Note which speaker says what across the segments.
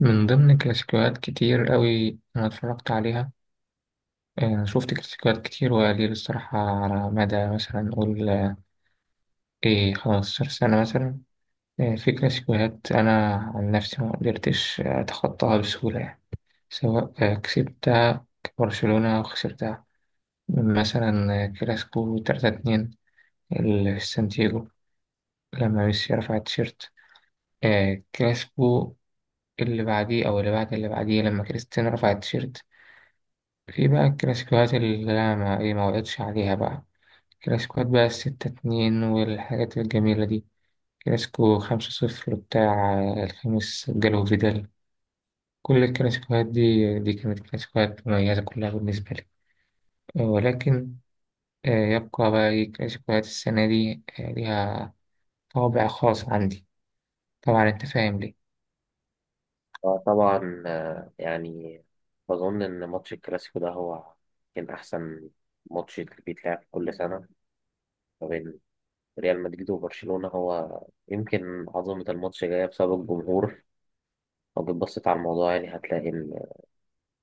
Speaker 1: من ضمن كلاسيكوهات كتير قوي أنا اتفرجت عليها. شفت كلاسيكوهات كتير وقليل الصراحة على مدى مثلا نقول إيه 15 سنة مثلا. في كلاسيكوهات أنا عن نفسي ما قدرتش أتخطاها بسهولة يعني، سواء كسبتها برشلونة أو خسرتها، مثلا كلاسيكو 3-2 اللي في سانتياجو لما ميسي رفع التيشيرت. كلاسيكو اللي بعديه أو اللي بعد اللي بعديه لما كريستيانو رفع التيشيرت. في بقى الكلاسيكوهات اللي أنا ما وقتش عليها بقى، كلاسيكوهات بقى الـ6-2 والحاجات الجميلة دي، كلاسيكو 5-0 بتاع الخميس جالو فيدال. كل الكلاسيكوهات دي كانت كلاسيكوهات مميزة كلها بالنسبة لي، ولكن آه، يبقى بقى إيه كلاسيكوهات السنة دي ليها طابع خاص عندي، طبعا أنت فاهم ليه.
Speaker 2: طبعا، يعني بظن إن ماتش الكلاسيكو ده هو كان أحسن ماتش بيتلعب كل سنة ما بين ريال مدريد وبرشلونة. هو يمكن عظمة الماتش جاية بسبب الجمهور. لو جيت بصيت على الموضوع يعني هتلاقي إن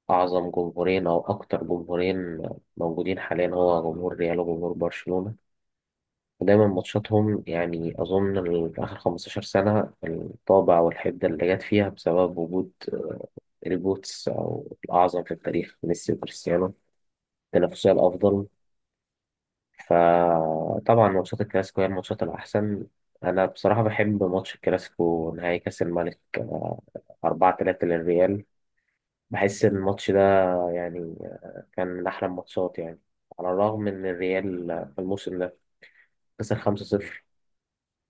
Speaker 2: أعظم جمهورين أو أكتر جمهورين موجودين حاليا هو جمهور ريال وجمهور برشلونة. ودايما ماتشاتهم يعني أظن آخر 15 سنة الطابع والحدة اللي جت فيها بسبب وجود ريبوتس أو الأعظم في التاريخ ميسي وكريستيانو، التنافسية الأفضل. فطبعا ماتشات الكلاسيكو هي الماتشات الأحسن. أنا بصراحة بحب ماتش الكلاسيكو نهائي كأس الملك، أربعة تلاتة للريال. بحس إن الماتش ده يعني كان من أحلى الماتشات يعني. على الرغم إن الريال في الموسم ده خسر خمسة صفر،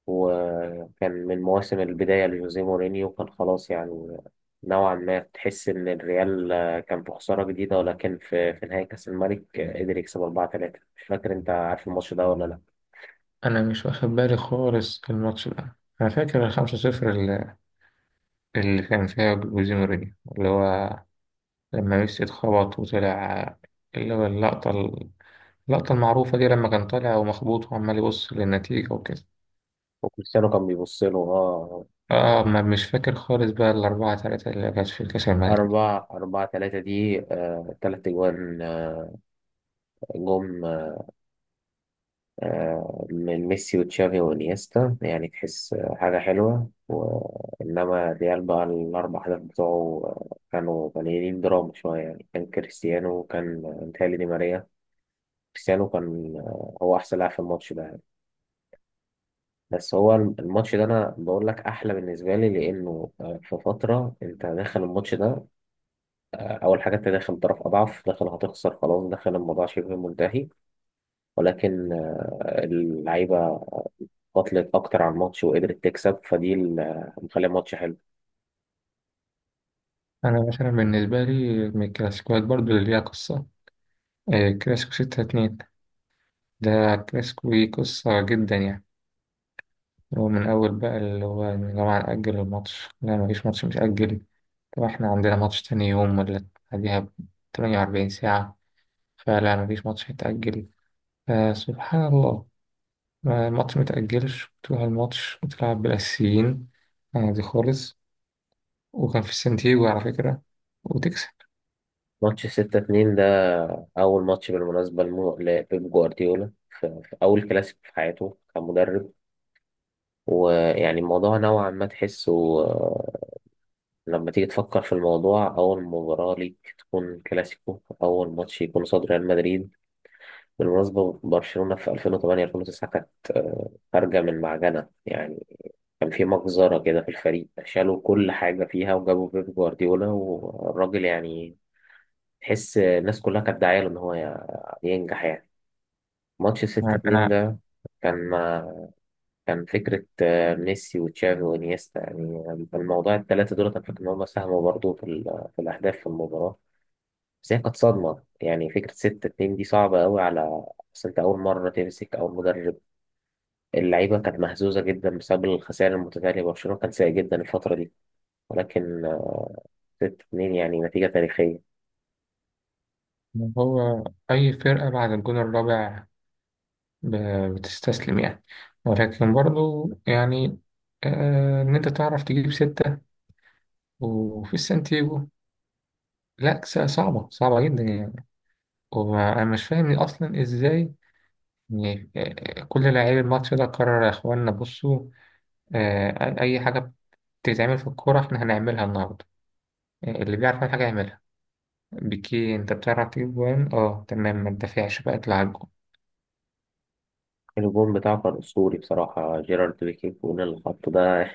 Speaker 2: وكان من مواسم البداية لجوزيه مورينيو، كان خلاص يعني نوعا ما تحس إن الريال كان في خسارة جديدة، ولكن في نهاية كأس الملك قدر يكسب 4-3. مش فاكر أنت عارف الماتش ده ولا لأ.
Speaker 1: أنا مش واخد بالي خالص الماتش ده، أنا فاكر الـ5-0 اللي كان فيها جوزيه مورينيو، اللي هو لما ميسي اتخبط وطلع، اللي هو اللقطة، اللقطة المعروفة دي لما كان طالع ومخبوط وعمال يبص للنتيجة وكده.
Speaker 2: وكريستيانو كان بيبص له. أه،
Speaker 1: اه، ما مش فاكر خالص بقى الـ4-3 اللي كانت في كأس الملك.
Speaker 2: أربعة تلاتة دي تلات أجوان، جم من ميسي وتشافي وانيستا. يعني تحس حاجة حلوة. وإنما ريال بقى الأربع أهداف بتوعه كانوا مليانين دراما شوية. يعني كان كريستيانو كان متهيألي دي ماريا. كريستيانو كان هو أحسن لاعب في الماتش ده يعني. بس هو الماتش ده أنا بقول لك أحلى بالنسبة لي، لأنه في فترة أنت داخل الماتش ده. أول حاجة أنت داخل طرف أضعف، داخل هتخسر خلاص، داخل الموضوع شبه منتهي، ولكن اللعيبة قاتلت أكتر على الماتش وقدرت تكسب، فدي اللي مخلية الماتش حلو.
Speaker 1: أنا مثلا بالنسبة لي من الكلاسيكوات برضو اللي ليها قصة، كلاسيكو 6-2 ده كلاسيكو ليه قصة جدا يعني. هو من أول بقى اللي هو يا جماعة نأجل الماتش، لا مفيش ماتش متأجل، طب احنا عندنا ماتش تاني يوم ولا بعديها بـ48 ساعة، فلا مفيش ماتش هيتأجل. فسبحان الله، الماتش متأجلش وتروح الماتش وتلعب بالأساسيين عادي خالص، وكان في سانتياغو على فكرة، وتكسب.
Speaker 2: ماتش ستة اتنين ده أول ماتش بالمناسبة لبيب جوارديولا في أول كلاسيكو في حياته كمدرب. ويعني الموضوع نوعا ما تحسه، لما تيجي تفكر في الموضوع أول مباراة ليك تكون كلاسيكو، أول ماتش يكون قصاد ريال مدريد. بالمناسبة برشلونة في 2008 2009 كانت خارجة من معجنة يعني. كان في مجزرة كده في الفريق، شالوا كل حاجة فيها وجابوا بيب جوارديولا، والراجل يعني تحس الناس كلها كانت داعية له إن هو ينجح يعني. ماتش 6 2
Speaker 1: أنا،
Speaker 2: ده كان كان فكرة ميسي وتشافي وإنيستا. يعني الموضوع التلاتة دول أنا فاكر إن هم ساهموا برضه في الأهداف في المباراة. بس هي كانت صدمة. يعني فكرة 6 2 دي صعبة أوي على، بس أنت أول مرة تمسك، أول مدرب. اللعيبة كانت مهزوزة جدا بسبب الخسائر المتتالية. برشلونة كان سيء جدا الفترة دي، ولكن ستة اتنين يعني نتيجة تاريخية.
Speaker 1: هو أي فرقة بعد الجون الرابع بتستسلم يعني، ولكن برضو يعني إن أنت تعرف تجيب ستة وفي السانتياغو، لا صعبة صعبة جدا يعني، وأنا مش فاهم أصلا إزاي. يعني كل لاعبي الماتش ده قرر يا إخوانا بصوا، أي حاجة بتتعمل في الكورة إحنا هنعملها النهاردة، اللي بيعرف يعمل حاجة يعملها، بيكي أنت بتعرف تجيب جوان؟ أه تمام، ما تدافعش بقى، اطلع على الجون.
Speaker 2: الجون بتاعه كان أسطوري بصراحة، جيرارد بيكي فوق اللي حطه ده،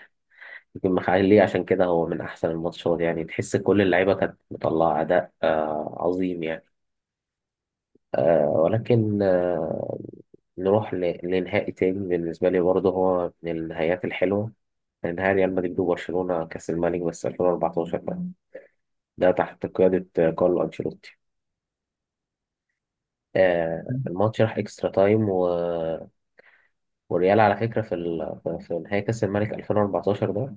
Speaker 2: يمكن مخليه عشان كده هو من أحسن الماتشات. يعني تحس كل اللعيبة كانت مطلعة أداء آه عظيم يعني. آه ولكن آه نروح لنهائي تاني. بالنسبة لي برضه هو من النهايات الحلوة. كان نهائي ريال مدريد وبرشلونة كأس الملك، بس 2014 ده ده تحت قيادة كارلو أنشيلوتي. آه الماتش راح إكسترا تايم. والريال على فكرة في في نهائي كأس الملك 2014 ده،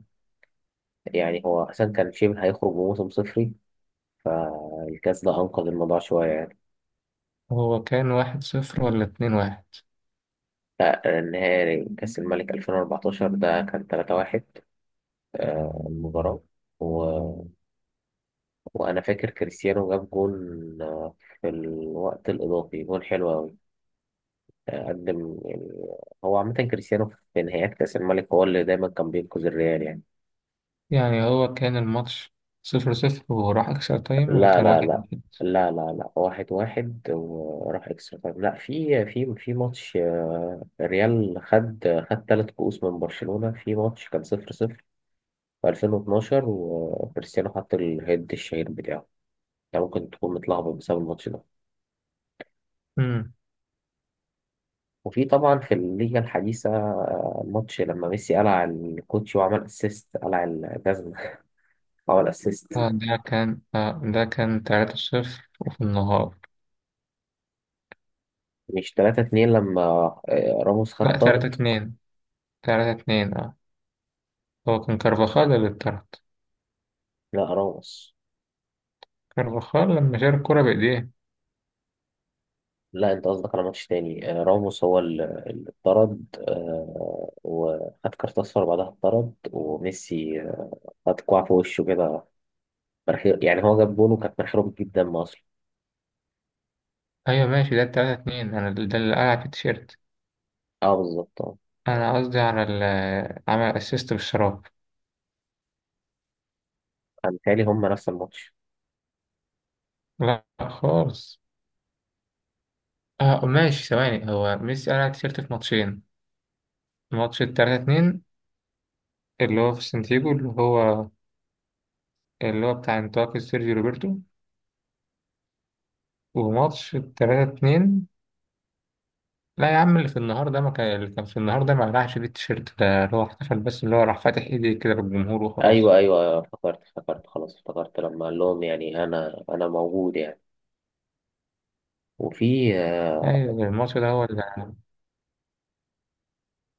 Speaker 2: يعني هو أساسا كان شبه هيخرج بموسم صفري، فالكأس ده أنقذ الموضوع شوية يعني.
Speaker 1: هو كان 1-0 ولا 2-1؟
Speaker 2: لا، النهائي كأس الملك 2014 ده كان 3-1. المباراة و... وأنا فاكر كريستيانو جاب جون آه، في الوقت الإضافي، جون حلو أوي. قدم يعني. هو عامة كريستيانو في نهايات كأس الملك هو اللي دايما كان بينقذ الريال يعني.
Speaker 1: يعني هو كان الماتش 0-0 وراح اكسترا تايم ولا
Speaker 2: لا
Speaker 1: كان
Speaker 2: لا
Speaker 1: واحد
Speaker 2: لا
Speaker 1: واحد
Speaker 2: لا، واحد واحد وراح اكسترا تايم. لا، في ماتش الريال خد ثلاث كؤوس من برشلونة. في ماتش كان صفر صفر في 2012 وكريستيانو حط الهيد الشهير بتاعه. يعني ممكن تكون متلخبط بسبب الماتش ده.
Speaker 1: امم.
Speaker 2: وفي طبعا في الليجا الحديثة ماتش لما ميسي قلع الكوتشي وعمل اسيست، قلع الجزمة، عمل اسيست.
Speaker 1: ده كان 3-0 وفي النهار.
Speaker 2: مش 3 2 لما راموس خد
Speaker 1: لا تلاتة
Speaker 2: طرد؟
Speaker 1: اتنين 3-2 اه. هو كان كارفاخال اللي اتطرد،
Speaker 2: لا راموس،
Speaker 1: كارفاخال لما شال الكرة بإيديه.
Speaker 2: لا انت قصدك على ماتش تاني. راموس هو اللي اتطرد، وخد كارت اصفر بعدها اتطرد. وميسي خد كوع في وشه كده، مناخير. يعني هو جاب جون وكانت مناخيره بتجيب دم اصلا.
Speaker 1: ايوه ماشي، ده الـ3-2، انا ده اللي قلع في التيشيرت،
Speaker 2: اه، بالظبط اه.
Speaker 1: انا قصدي على ال عمل اسيست بالشراب.
Speaker 2: انا متهيألي هم نفس الماتش.
Speaker 1: لا خالص. اه ماشي، ثواني، هو ميسي قلع التيشيرت في ماتشين: ماتش الـ3-2 اللي هو في سانتياجو، اللي هو بتاع انتقال سيرجيو روبرتو، وماتش الـ3-2. لا يا عم، اللي في النهار ده ما كان، اللي كان في النهار ده ما قلعش فيه التيشيرت، ده اللي هو احتفل بس، اللي هو راح فاتح ايديه كده للجمهور وخلاص.
Speaker 2: ايوه ايوه ايوه، افتكرت، افتكرت خلاص افتكرت، لما قال لهم يعني انا موجود يعني. وفي آه،
Speaker 1: ايوه الماتش ده هو اللي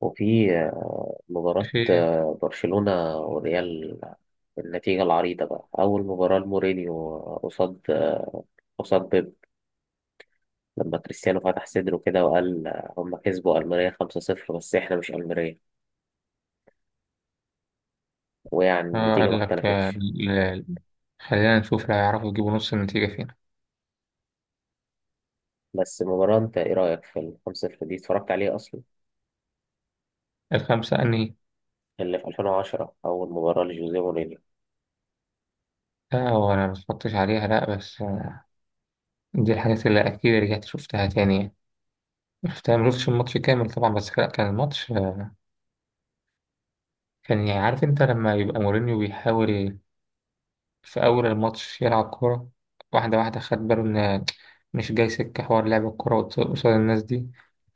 Speaker 2: وفي مباراة
Speaker 1: فيه.
Speaker 2: برشلونة وريال، النتيجة العريضة بقى أول مباراة لمورينيو قصاد بيب، لما كريستيانو فتح صدره كده وقال هم كسبوا ألمانيا 5-0 بس إحنا مش ألمانيا. ويعني
Speaker 1: اه
Speaker 2: النتيجة ما
Speaker 1: قال لك
Speaker 2: اختلفتش.
Speaker 1: خلينا نشوف لو يعرفوا يجيبوا نص النتيجة فينا.
Speaker 2: بس المباراة، أنت إيه رأيك في ال 5-0 دي؟ اتفرجت عليه أصلا؟
Speaker 1: الخمسة أنهي؟
Speaker 2: اللي في 2010 أول مباراة لجوزيه مورينيو.
Speaker 1: لا هو أنا متفرجتش عليها لأ، بس دي الحاجات اللي أكيد رجعت شفتها تاني يعني، شفتها مشفتش الماتش كامل طبعا، بس كان الماتش كان يعني، عارف أنت لما يبقى مورينيو بيحاول في أول الماتش يلعب كورة واحدة واحدة، خد باله إن مش جاي سكة حوار، لعب الكورة قصاد الناس دي،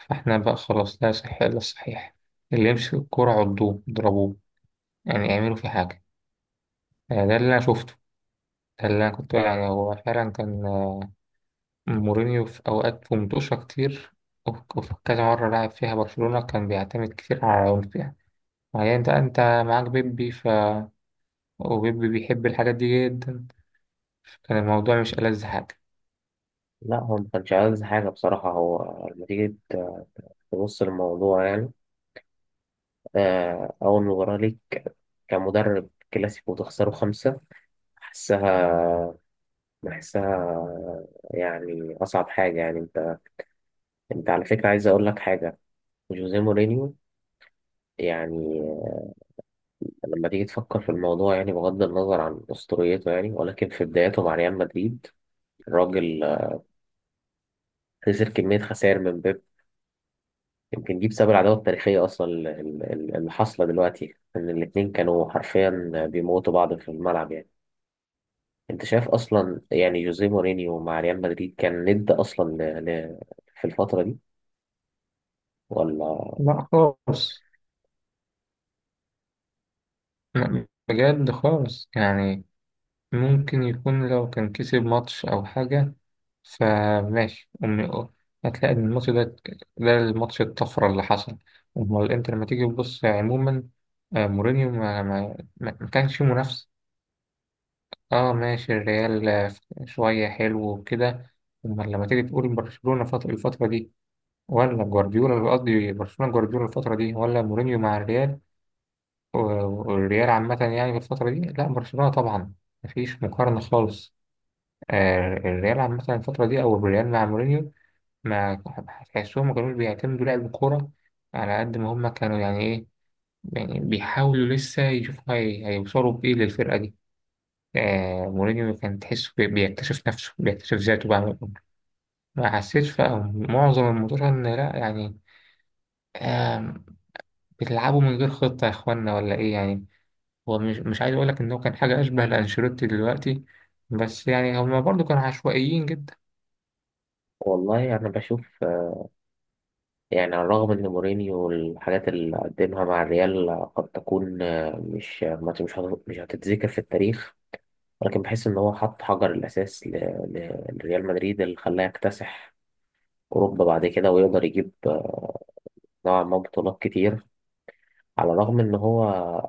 Speaker 1: فإحنا بقى خلاص لا صح إلا الصحيح، اللي يمسك الكورة عضوه اضربوه، يعني اعملوا فيه حاجة. ده اللي أنا شفته، ده اللي أنا كنت يعني، هو فعلا كان مورينيو في أوقات في منتوشة كتير، وفي كذا مرة لعب فيها برشلونة كان بيعتمد كتير على العنف يعني، يعني أنت معاك بيبي، ف وبيبي بيحب الحاجات دي جدا، كان الموضوع مش ألذ حاجة.
Speaker 2: لا هو ما كانش عايز حاجة بصراحة. هو لما تيجي تبص للموضوع يعني، أول مباراة ليك كمدرب كلاسيكو وتخسره خمسة، بحسها، بحسها يعني أصعب حاجة. يعني أنت على فكرة عايز أقول لك حاجة. جوزيه مورينيو يعني لما تيجي تفكر في الموضوع، يعني بغض النظر عن أسطوريته يعني، ولكن في بداياته مع ريال مدريد الراجل خسر كمية خسائر من بيب. يمكن دي بسبب العداوة التاريخية أصلا اللي حاصلة دلوقتي، إن الاتنين كانوا حرفيا بيموتوا بعض في الملعب يعني. أنت شايف أصلا يعني جوزيه مورينيو مع ريال مدريد كان ند أصلا في الفترة دي، ولا؟
Speaker 1: لا خالص، لا بجد خالص يعني، ممكن يكون لو كان كسب ماتش أو حاجة فماشي، هتلاقي إن الماتش ده، ده الماتش الطفرة اللي حصل. أمال أنت لما تيجي تبص عموما، مورينيو ما كانش فيه منافسة. اه ماشي، الريال شوية حلو وكده، أما لما تيجي تقول برشلونة الفترة دي، ولا جوارديولا، قصدي برشلونة جوارديولا الفترة دي ولا مورينيو مع الريال، و- والريال عامة يعني في الفترة دي، لا برشلونة طبعا، مفيش مقارنة خالص. آه الريال عامة الفترة دي، أو الريال مع مورينيو، ما تحسهم ما كانوش بيعتمدوا لعب الكورة على قد ما هما كانوا يعني إيه، يعني بيحاولوا لسه يشوفوا هيوصلوا بإيه للفرقة دي. آه مورينيو كان تحسه بيكتشف نفسه، بيكتشف ذاته بقى من الأول. ما حسيتش بقى معظم الموضوع ان لا يعني، آه بتلعبوا من غير خطة يا اخوانا ولا ايه يعني، هو مش عايز اقول لك ان هو كان حاجة اشبه لانشيلوتي دلوقتي، بس يعني هما برضو كانوا عشوائيين جدا.
Speaker 2: والله أنا بشوف يعني، على الرغم ان مورينيو الحاجات اللي قدمها مع الريال قد تكون، آه، مش آه، ما- مش هت- مش هتتذكر في التاريخ، ولكن بحس ان هو حط حجر الاساس لريال مدريد اللي خلاه يكتسح اوروبا بعد كده، ويقدر يجيب نوعا ما بطولات كتير. على الرغم ان هو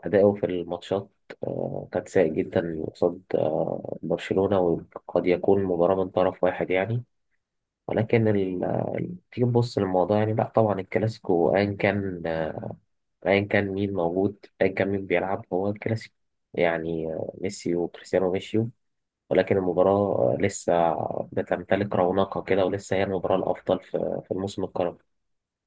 Speaker 2: اداؤه في الماتشات كان سيء جدا قصاد برشلونة، وقد يكون مباراة من طرف واحد يعني. ولكن تيجي تبص للموضوع يعني، لا طبعا الكلاسيكو ايا كان، ايا كان مين موجود، ايا كان مين بيلعب، هو الكلاسيكو. يعني ميسي وكريستيانو مشيوا، ولكن المباراة لسه بتمتلك رونقها كده، ولسه هي المباراة الأفضل في الموسم القادم.